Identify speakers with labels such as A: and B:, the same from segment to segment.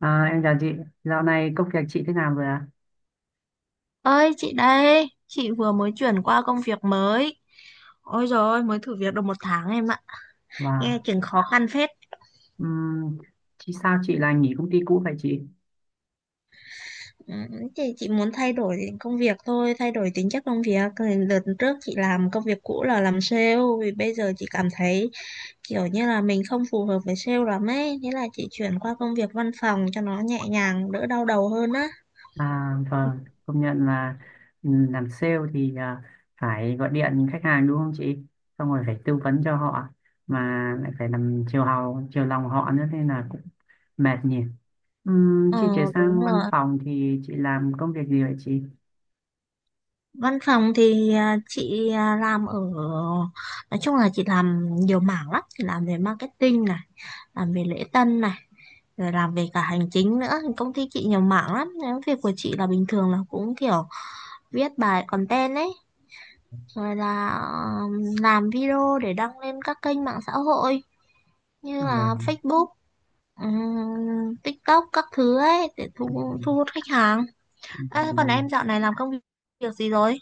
A: À, em chào chị, dạo này công việc chị thế nào rồi ạ?
B: Ơi chị đây, chị vừa mới chuyển qua công việc mới. Ôi dồi ôi, mới thử việc được một tháng em ạ. Nghe
A: Và
B: chừng khó khăn phết.
A: um, chị sao chị lại nghỉ công ty cũ vậy chị?
B: Ừ. Chị muốn thay đổi công việc thôi, thay đổi tính chất công việc. Cái đợt trước chị làm công việc cũ là làm sale, vì bây giờ chị cảm thấy kiểu như là mình không phù hợp với sale lắm ấy. Thế là chị chuyển qua công việc văn phòng cho nó nhẹ nhàng, đỡ đau đầu hơn á.
A: À, vâng, công nhận là làm sale thì phải gọi điện khách hàng đúng không chị? Xong rồi phải tư vấn cho họ mà lại phải làm chiều hào, chiều lòng họ nữa nên là cũng mệt nhỉ.
B: Ờ,
A: Chị chuyển
B: đúng
A: sang
B: rồi.
A: văn phòng thì chị làm công việc gì vậy chị?
B: Văn phòng thì chị làm ở, nói chung là chị làm nhiều mảng lắm, chị làm về marketing này, làm về lễ tân này, rồi làm về cả hành chính nữa. Công ty chị nhiều mảng lắm. Nếu việc của chị là bình thường là cũng kiểu viết bài content ấy, rồi là làm video để đăng lên các kênh mạng xã hội như là
A: Vâng.
B: Facebook, TikTok các thứ ấy để thu
A: Ừm,
B: thu hút khách hàng.
A: Vậy
B: À,
A: là
B: còn em dạo này làm công việc gì rồi?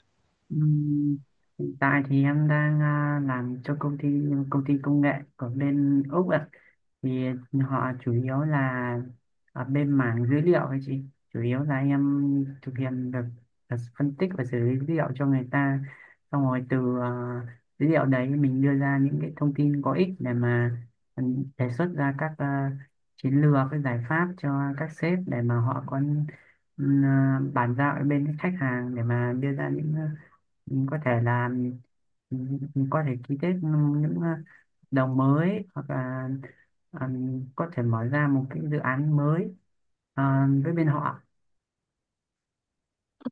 A: Ừm, hiện tại thì em đang làm cho công ty công nghệ ở bên Úc ạ. Thì họ chủ yếu là ở bên mảng dữ liệu ấy chị. Chủ yếu là em thực hiện được là phân tích và xử lý dữ liệu cho người ta. Xong rồi dữ liệu đấy mình đưa ra những cái thông tin có ích để mà ừ, đề xuất ra các chiến lược, các giải pháp cho các sếp để mà họ có bàn giao ở bên khách hàng để mà đưa ra những, có thể là ừ, có thể ký kết những đồng mới, hoặc là ờ, có thể mở ra một cái dự án mới ờ, với bên họ.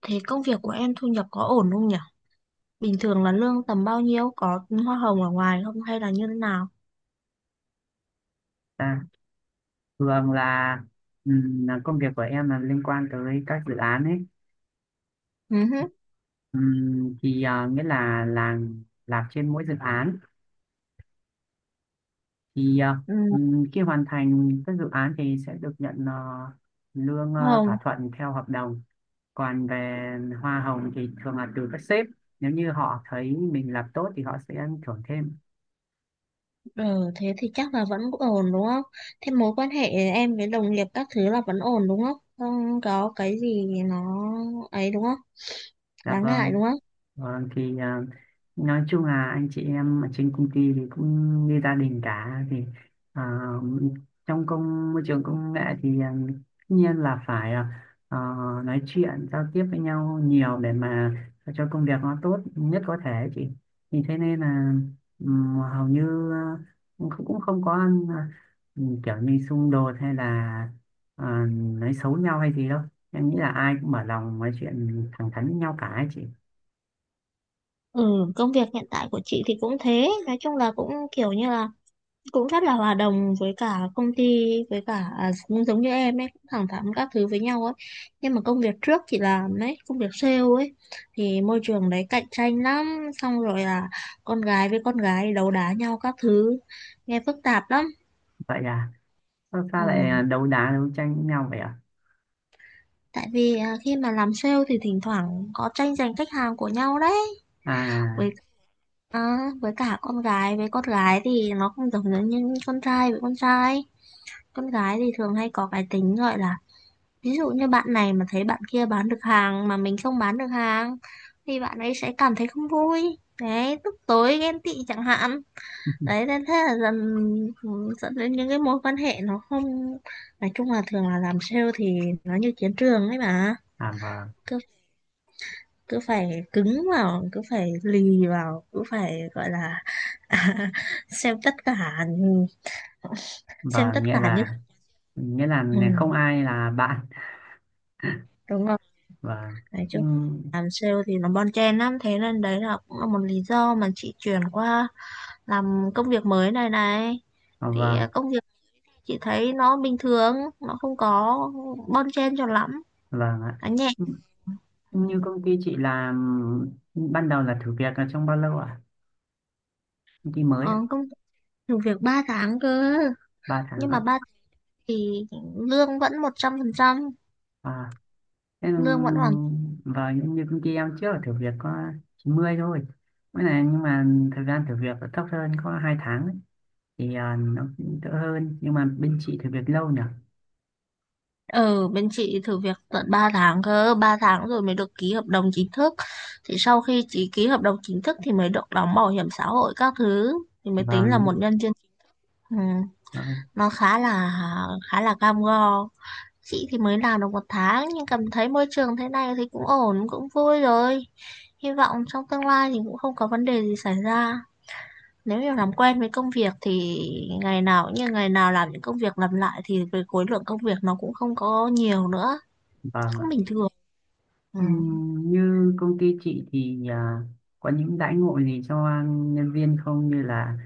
B: Thế công việc của em thu nhập có ổn không nhỉ? Bình thường là lương tầm bao nhiêu? Có hoa hồng ở ngoài không hay là như thế nào?
A: à, Thường là công việc của em là liên quan tới các dự án ấy.
B: Ừ, hứ.
A: Thì nghĩa là làm trên mỗi dự án thì,
B: Ừ,
A: khi hoàn thành các dự án thì sẽ được nhận lương
B: hoa hồng.
A: thỏa thuận theo hợp đồng, còn về hoa hồng thì thường là từ các sếp, nếu như họ thấy mình làm tốt thì họ sẽ thưởng thêm.
B: Ừ, thế thì chắc là vẫn ổn đúng không? Thế mối quan hệ em với đồng nghiệp các thứ là vẫn ổn đúng không? Không có cái gì nó ấy đúng không?
A: Dạ
B: Đáng ngại
A: vâng.
B: đúng không?
A: Vâng, thì nói chung là anh chị em ở trên công ty thì cũng như gia đình cả, thì à, trong môi trường công nghệ thì tất nhiên là phải nói chuyện giao tiếp với nhau nhiều để mà cho công việc nó tốt nhất có thể chị, thì thế nên là hầu như cũng cũng không có à, kiểu như xung đột hay là nói xấu nhau hay gì đâu. Em nghĩ là ai cũng mở lòng nói chuyện thẳng thắn với nhau cả ấy chị.
B: Ừ, công việc hiện tại của chị thì cũng thế. Nói chung là cũng kiểu như là cũng rất là hòa đồng với cả công ty, với cả cũng giống như em ấy, cũng thẳng thắn các thứ với nhau ấy. Nhưng mà công việc trước chị làm ấy, công việc sale ấy, thì môi trường đấy cạnh tranh lắm, xong rồi là con gái với con gái đấu đá nhau các thứ, nghe phức tạp lắm.
A: Vậy à, sao
B: Ừ,
A: ta lại đấu đá đấu tranh với nhau vậy ạ?
B: tại vì khi mà làm sale thì thỉnh thoảng có tranh giành khách hàng của nhau đấy.
A: à
B: Với với cả con gái với con gái thì nó không giống giống như con trai với con trai. Con gái thì thường hay có cái tính gọi là, ví dụ như bạn này mà thấy bạn kia bán được hàng mà mình không bán được hàng thì bạn ấy sẽ cảm thấy không vui. Đấy, tức tối ghen tị chẳng hạn. Đấy, nên thế là dần, ừ, dẫn đến những cái mối quan hệ nó không, nói chung là thường là làm sale thì nó như chiến trường ấy mà.
A: vâng.
B: Cứ cứ phải cứng vào, cứ phải lì vào, cứ phải gọi là xem tất cả, xem tất
A: Vâng, nghĩa
B: cả như,
A: là nghĩa là không
B: ừ,
A: ai là bạn.
B: đúng không,
A: Vâng,
B: nói chung
A: nhưng
B: làm sale thì nó bon chen lắm, thế nên đấy là cũng là một lý do mà chị chuyển qua làm công việc mới này này. Thì
A: vâng.
B: công việc chị thấy nó bình thường, nó không có bon chen cho lắm,
A: Vâng ạ.
B: nó nhẹ. Ừ.
A: Như công ty chị làm ban đầu là thử việc là trong bao lâu ạ? Công ty mới
B: Ờ,
A: ạ?
B: thử việc 3 tháng cơ,
A: 3 tháng
B: nhưng mà
A: ạ?
B: ba thì lương vẫn 100%,
A: À, thế,
B: lương vẫn hoàn.
A: và như công ty em trước là thử việc có 90 thôi. Mới này nhưng mà thời gian thử việc là thấp hơn, có 2 tháng ấy. Thì nó cũng đỡ hơn, nhưng mà bên chị thử việc lâu nhỉ.
B: Ừ, bên chị thử việc tận 3 tháng cơ, 3 tháng rồi mới được ký hợp đồng chính thức. Thì sau khi chị ký hợp đồng chính thức thì mới được đóng bảo hiểm xã hội các thứ, thì mới tính là một
A: Vâng.
B: nhân viên. Ừ,
A: Đó,
B: nó khá là, khá là cam go. Chị thì mới làm được một tháng nhưng cảm thấy môi trường thế này thì cũng ổn, cũng vui rồi. Hy vọng trong tương lai thì cũng không có vấn đề gì xảy ra. Nếu như làm quen với công việc thì ngày nào cũng như ngày nào, làm những công việc lặp lại thì về khối lượng công việc nó cũng không có nhiều nữa,
A: và
B: cũng
A: mà,
B: bình thường. Ừ.
A: như công ty chị thì có những đãi ngộ gì cho nhân viên không, như là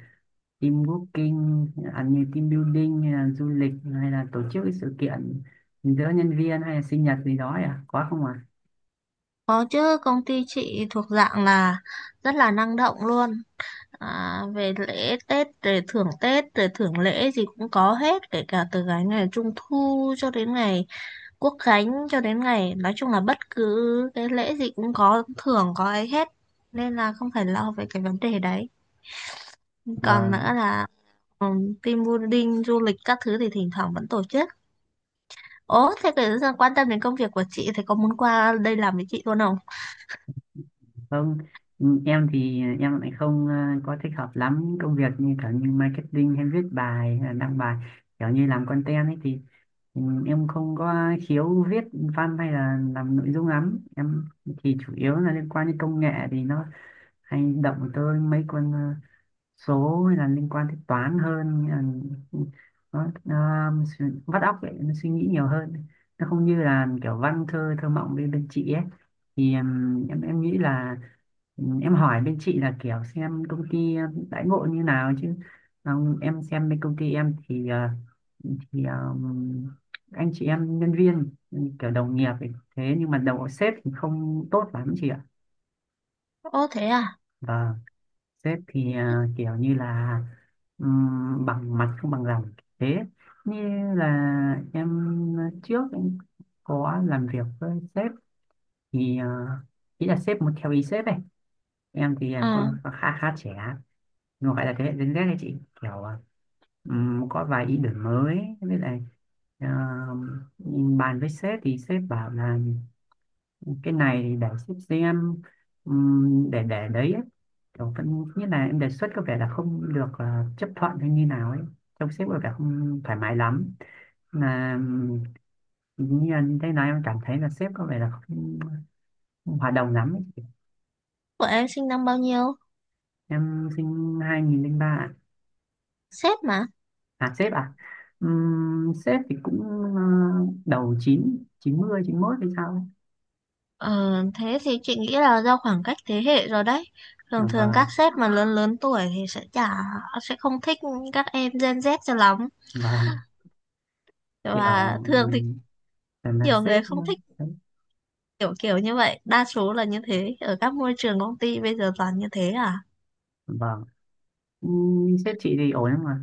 A: team booking, như team building hay là du lịch hay là tổ chức cái sự kiện giữa nhân viên hay là sinh nhật gì đó ấy à? Có không ạ?
B: Có chứ, công ty chị thuộc dạng là rất là năng động luôn. À, về lễ Tết, về thưởng Tết, về thưởng lễ gì cũng có hết, kể cả từ cái ngày Trung thu cho đến ngày Quốc khánh, cho đến ngày, nói chung là bất cứ cái lễ gì cũng có thưởng, có ấy hết, nên là không phải lo về cái vấn đề đấy. Còn nữa
A: À?
B: là, ừ, team building du lịch các thứ thì thỉnh thoảng vẫn tổ chức. Ố thế, cái quan tâm đến công việc của chị thì có muốn qua đây làm với chị luôn không?
A: Không, em thì em lại không có thích hợp lắm công việc như kiểu như marketing hay viết bài hay là đăng bài kiểu như làm content ấy thì, em không có khiếu viết văn hay là làm nội dung lắm. Em thì chủ yếu là liên quan đến công nghệ thì nó hay động tới mấy con số, hay là liên quan đến toán hơn, nghĩa là nó vắt óc vậy, nó suy nghĩ nhiều hơn, nó không như là kiểu văn thơ, thơ mộng bên bên chị ấy. Thì em nghĩ là em hỏi bên chị là kiểu xem công ty đãi ngộ như nào chứ. Còn em xem bên công ty em thì, thì ờm, anh chị em nhân viên kiểu đồng nghiệp ấy. Thế nhưng mà đầu sếp thì không tốt lắm chị ạ.
B: Ố thế à?
A: Và sếp thì kiểu như là bằng mặt không bằng lòng. Thế như là em, trước em có làm việc với sếp thì ý là sếp muốn theo ý sếp ấy. Em thì
B: Ừ,
A: có khá khá trẻ, nó gọi là thế hệ Gen Z đấy chị, kiểu có vài ý tưởng mới. Với lại ờ, bàn với sếp thì sếp bảo là cái này thì để sếp xem, để đấy ấy. Kiểu vẫn như là em đề xuất có vẻ là không được chấp thuận hay như nào ấy, trông sếp có vẻ không thoải mái lắm, mà như anh thấy nói, em cảm thấy là sếp có vẻ là không hòa đồng lắm ấy.
B: của em sinh năm bao nhiêu?
A: Em sinh 2003 ạ.
B: Sếp mà.
A: À, sếp à? Sếp thì cũng ờ, đầu 9, chín 91 hay sao ấy.
B: Ờ, thế thì chị nghĩ là do khoảng cách thế hệ rồi đấy.
A: Dạ
B: Thường thường
A: vâng,
B: các sếp mà lớn lớn tuổi thì sẽ chả, sẽ không thích các em Gen Z cho lắm.
A: vâng, kiểu
B: Và thường thì
A: là
B: nhiều
A: sếp
B: người không thích
A: đấy.
B: kiểu kiểu như vậy. Đa số là như thế. Ở các môi trường công ty bây giờ toàn như thế à?
A: Vâng. Sếp chị thì ổn lắm mà.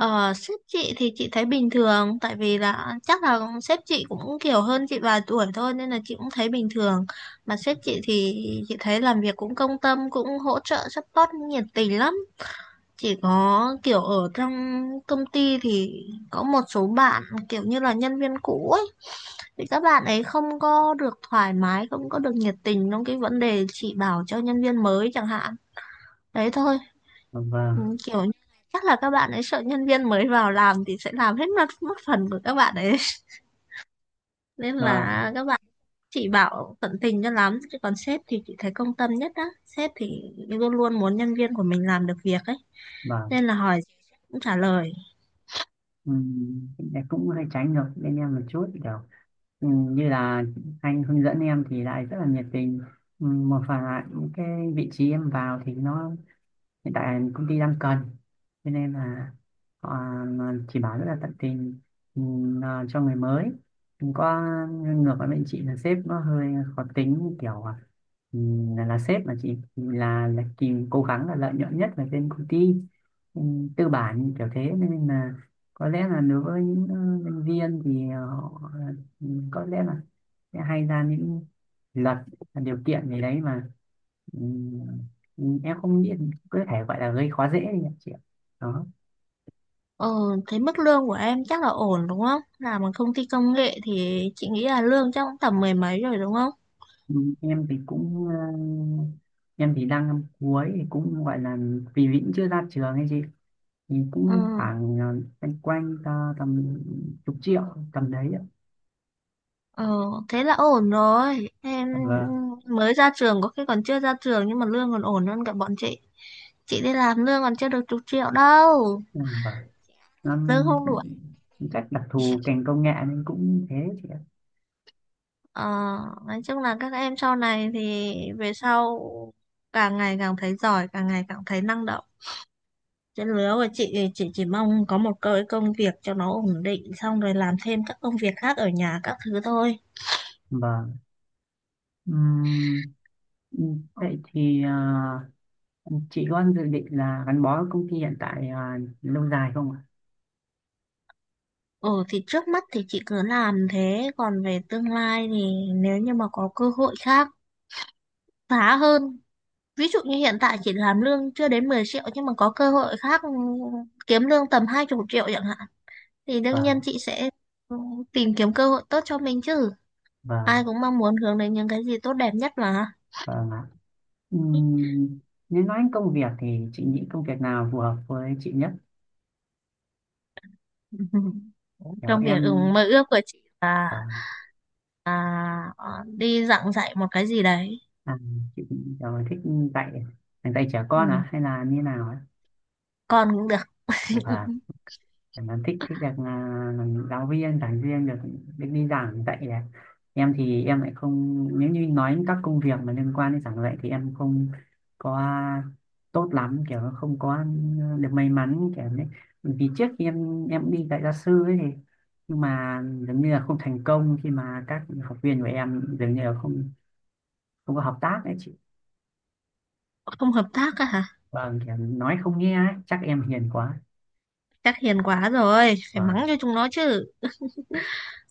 B: Ờ, sếp chị thì chị thấy bình thường, tại vì là chắc là sếp chị cũng kiểu hơn chị vài tuổi thôi nên là chị cũng thấy bình thường. Mà sếp chị thì chị thấy làm việc cũng công tâm, cũng hỗ trợ support nhiệt tình lắm. Chỉ có kiểu ở trong công ty thì có một số bạn kiểu như là nhân viên cũ ấy, thì các bạn ấy không có được thoải mái, không có được nhiệt tình trong cái vấn đề chị bảo cho nhân viên mới chẳng hạn, đấy thôi.
A: Dạ vâng.
B: Ừ, kiểu như, chắc là các bạn ấy sợ nhân viên mới vào làm thì sẽ làm hết, mất mất phần của các bạn ấy nên
A: Dạ vâng,
B: là các bạn chỉ bảo tận tình cho lắm. Chứ còn sếp thì chị thấy công tâm nhất á, sếp thì luôn luôn muốn nhân viên của mình làm được việc ấy,
A: vâng.
B: nên là hỏi gì sếp cũng trả lời.
A: Em cũng hơi tránh được bên em một chút, kiểu ừ, như là anh hướng dẫn em thì lại rất là nhiệt tình. Ừ, một phần là những cái vị trí em vào thì nó hiện tại là công ty đang cần, cho nên là họ chỉ bảo rất là tận tình cho người mới, không có ngược với bên chị là sếp nó hơi khó tính, kiểu là sếp mà chị là tìm cố gắng là lợi nhuận nhất là bên công ty, tư bản kiểu thế, nên là có lẽ là đối với những nhân viên thì họ có lẽ là sẽ hay ra những luật, điều kiện gì đấy mà Ừ, em không nghĩ, có thể gọi là gây khó dễ đi ạ chị ạ. Đó.
B: Ờ, thế mức lương của em chắc là ổn đúng không? Làm ở công ty công nghệ thì chị nghĩ là lương chắc cũng tầm mười mấy rồi đúng không?
A: Ừ, em thì cũng ờ, em thì đang năm cuối thì cũng gọi là vì vẫn chưa ra trường ấy chị, thì
B: Ừ.
A: cũng khoảng quanh quanh ta tầm chục triệu, tầm đấy ạ.
B: Ờ, thế là ổn rồi em,
A: Dạ vâng.
B: mới ra trường, có khi còn chưa ra trường nhưng mà lương còn ổn hơn cả bọn chị. Chị đi làm lương còn chưa được chục triệu đâu,
A: Ừ, vâng.
B: lương
A: năm
B: không đủ.
A: Chắc đặc thù ngành công nghệ nên cũng thế chị ạ.
B: Ờ, nói chung là các em sau này thì về sau càng ngày càng thấy giỏi, càng ngày càng thấy năng động. Trên lứa của chị thì chị chỉ mong có một cái công việc cho nó ổn định, xong rồi làm thêm các công việc khác ở nhà các thứ thôi.
A: Vâng. Ừm, ừ, vậy thì chị có dự định là gắn bó với công ty hiện tại lâu dài không ạ?
B: Ừ, thì trước mắt thì chị cứ làm thế, còn về tương lai thì nếu như mà có cơ hội khác khá hơn, ví dụ như hiện tại chị làm lương chưa đến 10 triệu nhưng mà có cơ hội khác, kiếm lương tầm 20 triệu chẳng hạn, thì đương nhiên
A: Vâng.
B: chị sẽ, ừ, tìm kiếm cơ hội tốt cho mình chứ. Ai
A: Vâng,
B: cũng mong muốn hướng đến những cái gì tốt đẹp nhất mà.
A: vâng ạ. Ừm, nếu nói đến công việc thì chị nghĩ công việc nào phù hợp với chị nhất? Kiểu
B: Trong việc,
A: em...
B: mơ ước của chị là
A: Vâng,
B: à, đi giảng dạy một cái gì đấy.
A: à, chị kiểu thích dạy dạy trẻ
B: Ừ,
A: con à hay là như nào ấy?
B: con cũng được.
A: Vâng, em thích thích được làm giáo viên, giảng viên, được được đi giảng dạy à. Em thì em lại không, nếu như nói các công việc mà liên quan đến giảng dạy thì em không có tốt lắm, kiểu không có được may mắn kiểu đấy. Bởi vì trước khi em đi dạy gia sư ấy thì, nhưng mà dường như là không thành công, khi mà các học viên của em dường như là không không có hợp tác ấy chị.
B: Không hợp tác à hả?
A: Vâng, kiểu nói không nghe ấy. Chắc em hiền quá.
B: Chắc hiền quá rồi, phải mắng
A: Vâng,
B: cho chúng nó chứ.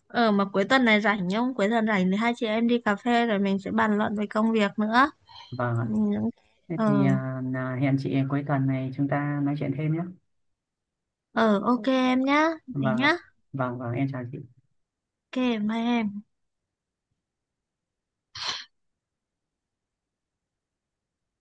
B: Ờ, mà cuối tuần này rảnh không? Cuối tuần rảnh thì hai chị em đi cà phê rồi mình sẽ bàn luận về công việc nữa.
A: vâng.
B: Ừ, những,
A: Thế
B: ờ,
A: thì là hẹn chị cuối tuần này chúng ta nói chuyện thêm nhé.
B: ờ ok em nhá. Thế
A: Vâng ạ.
B: nhá.
A: Vâng, vâng, em chào chị.
B: Ok, bye em.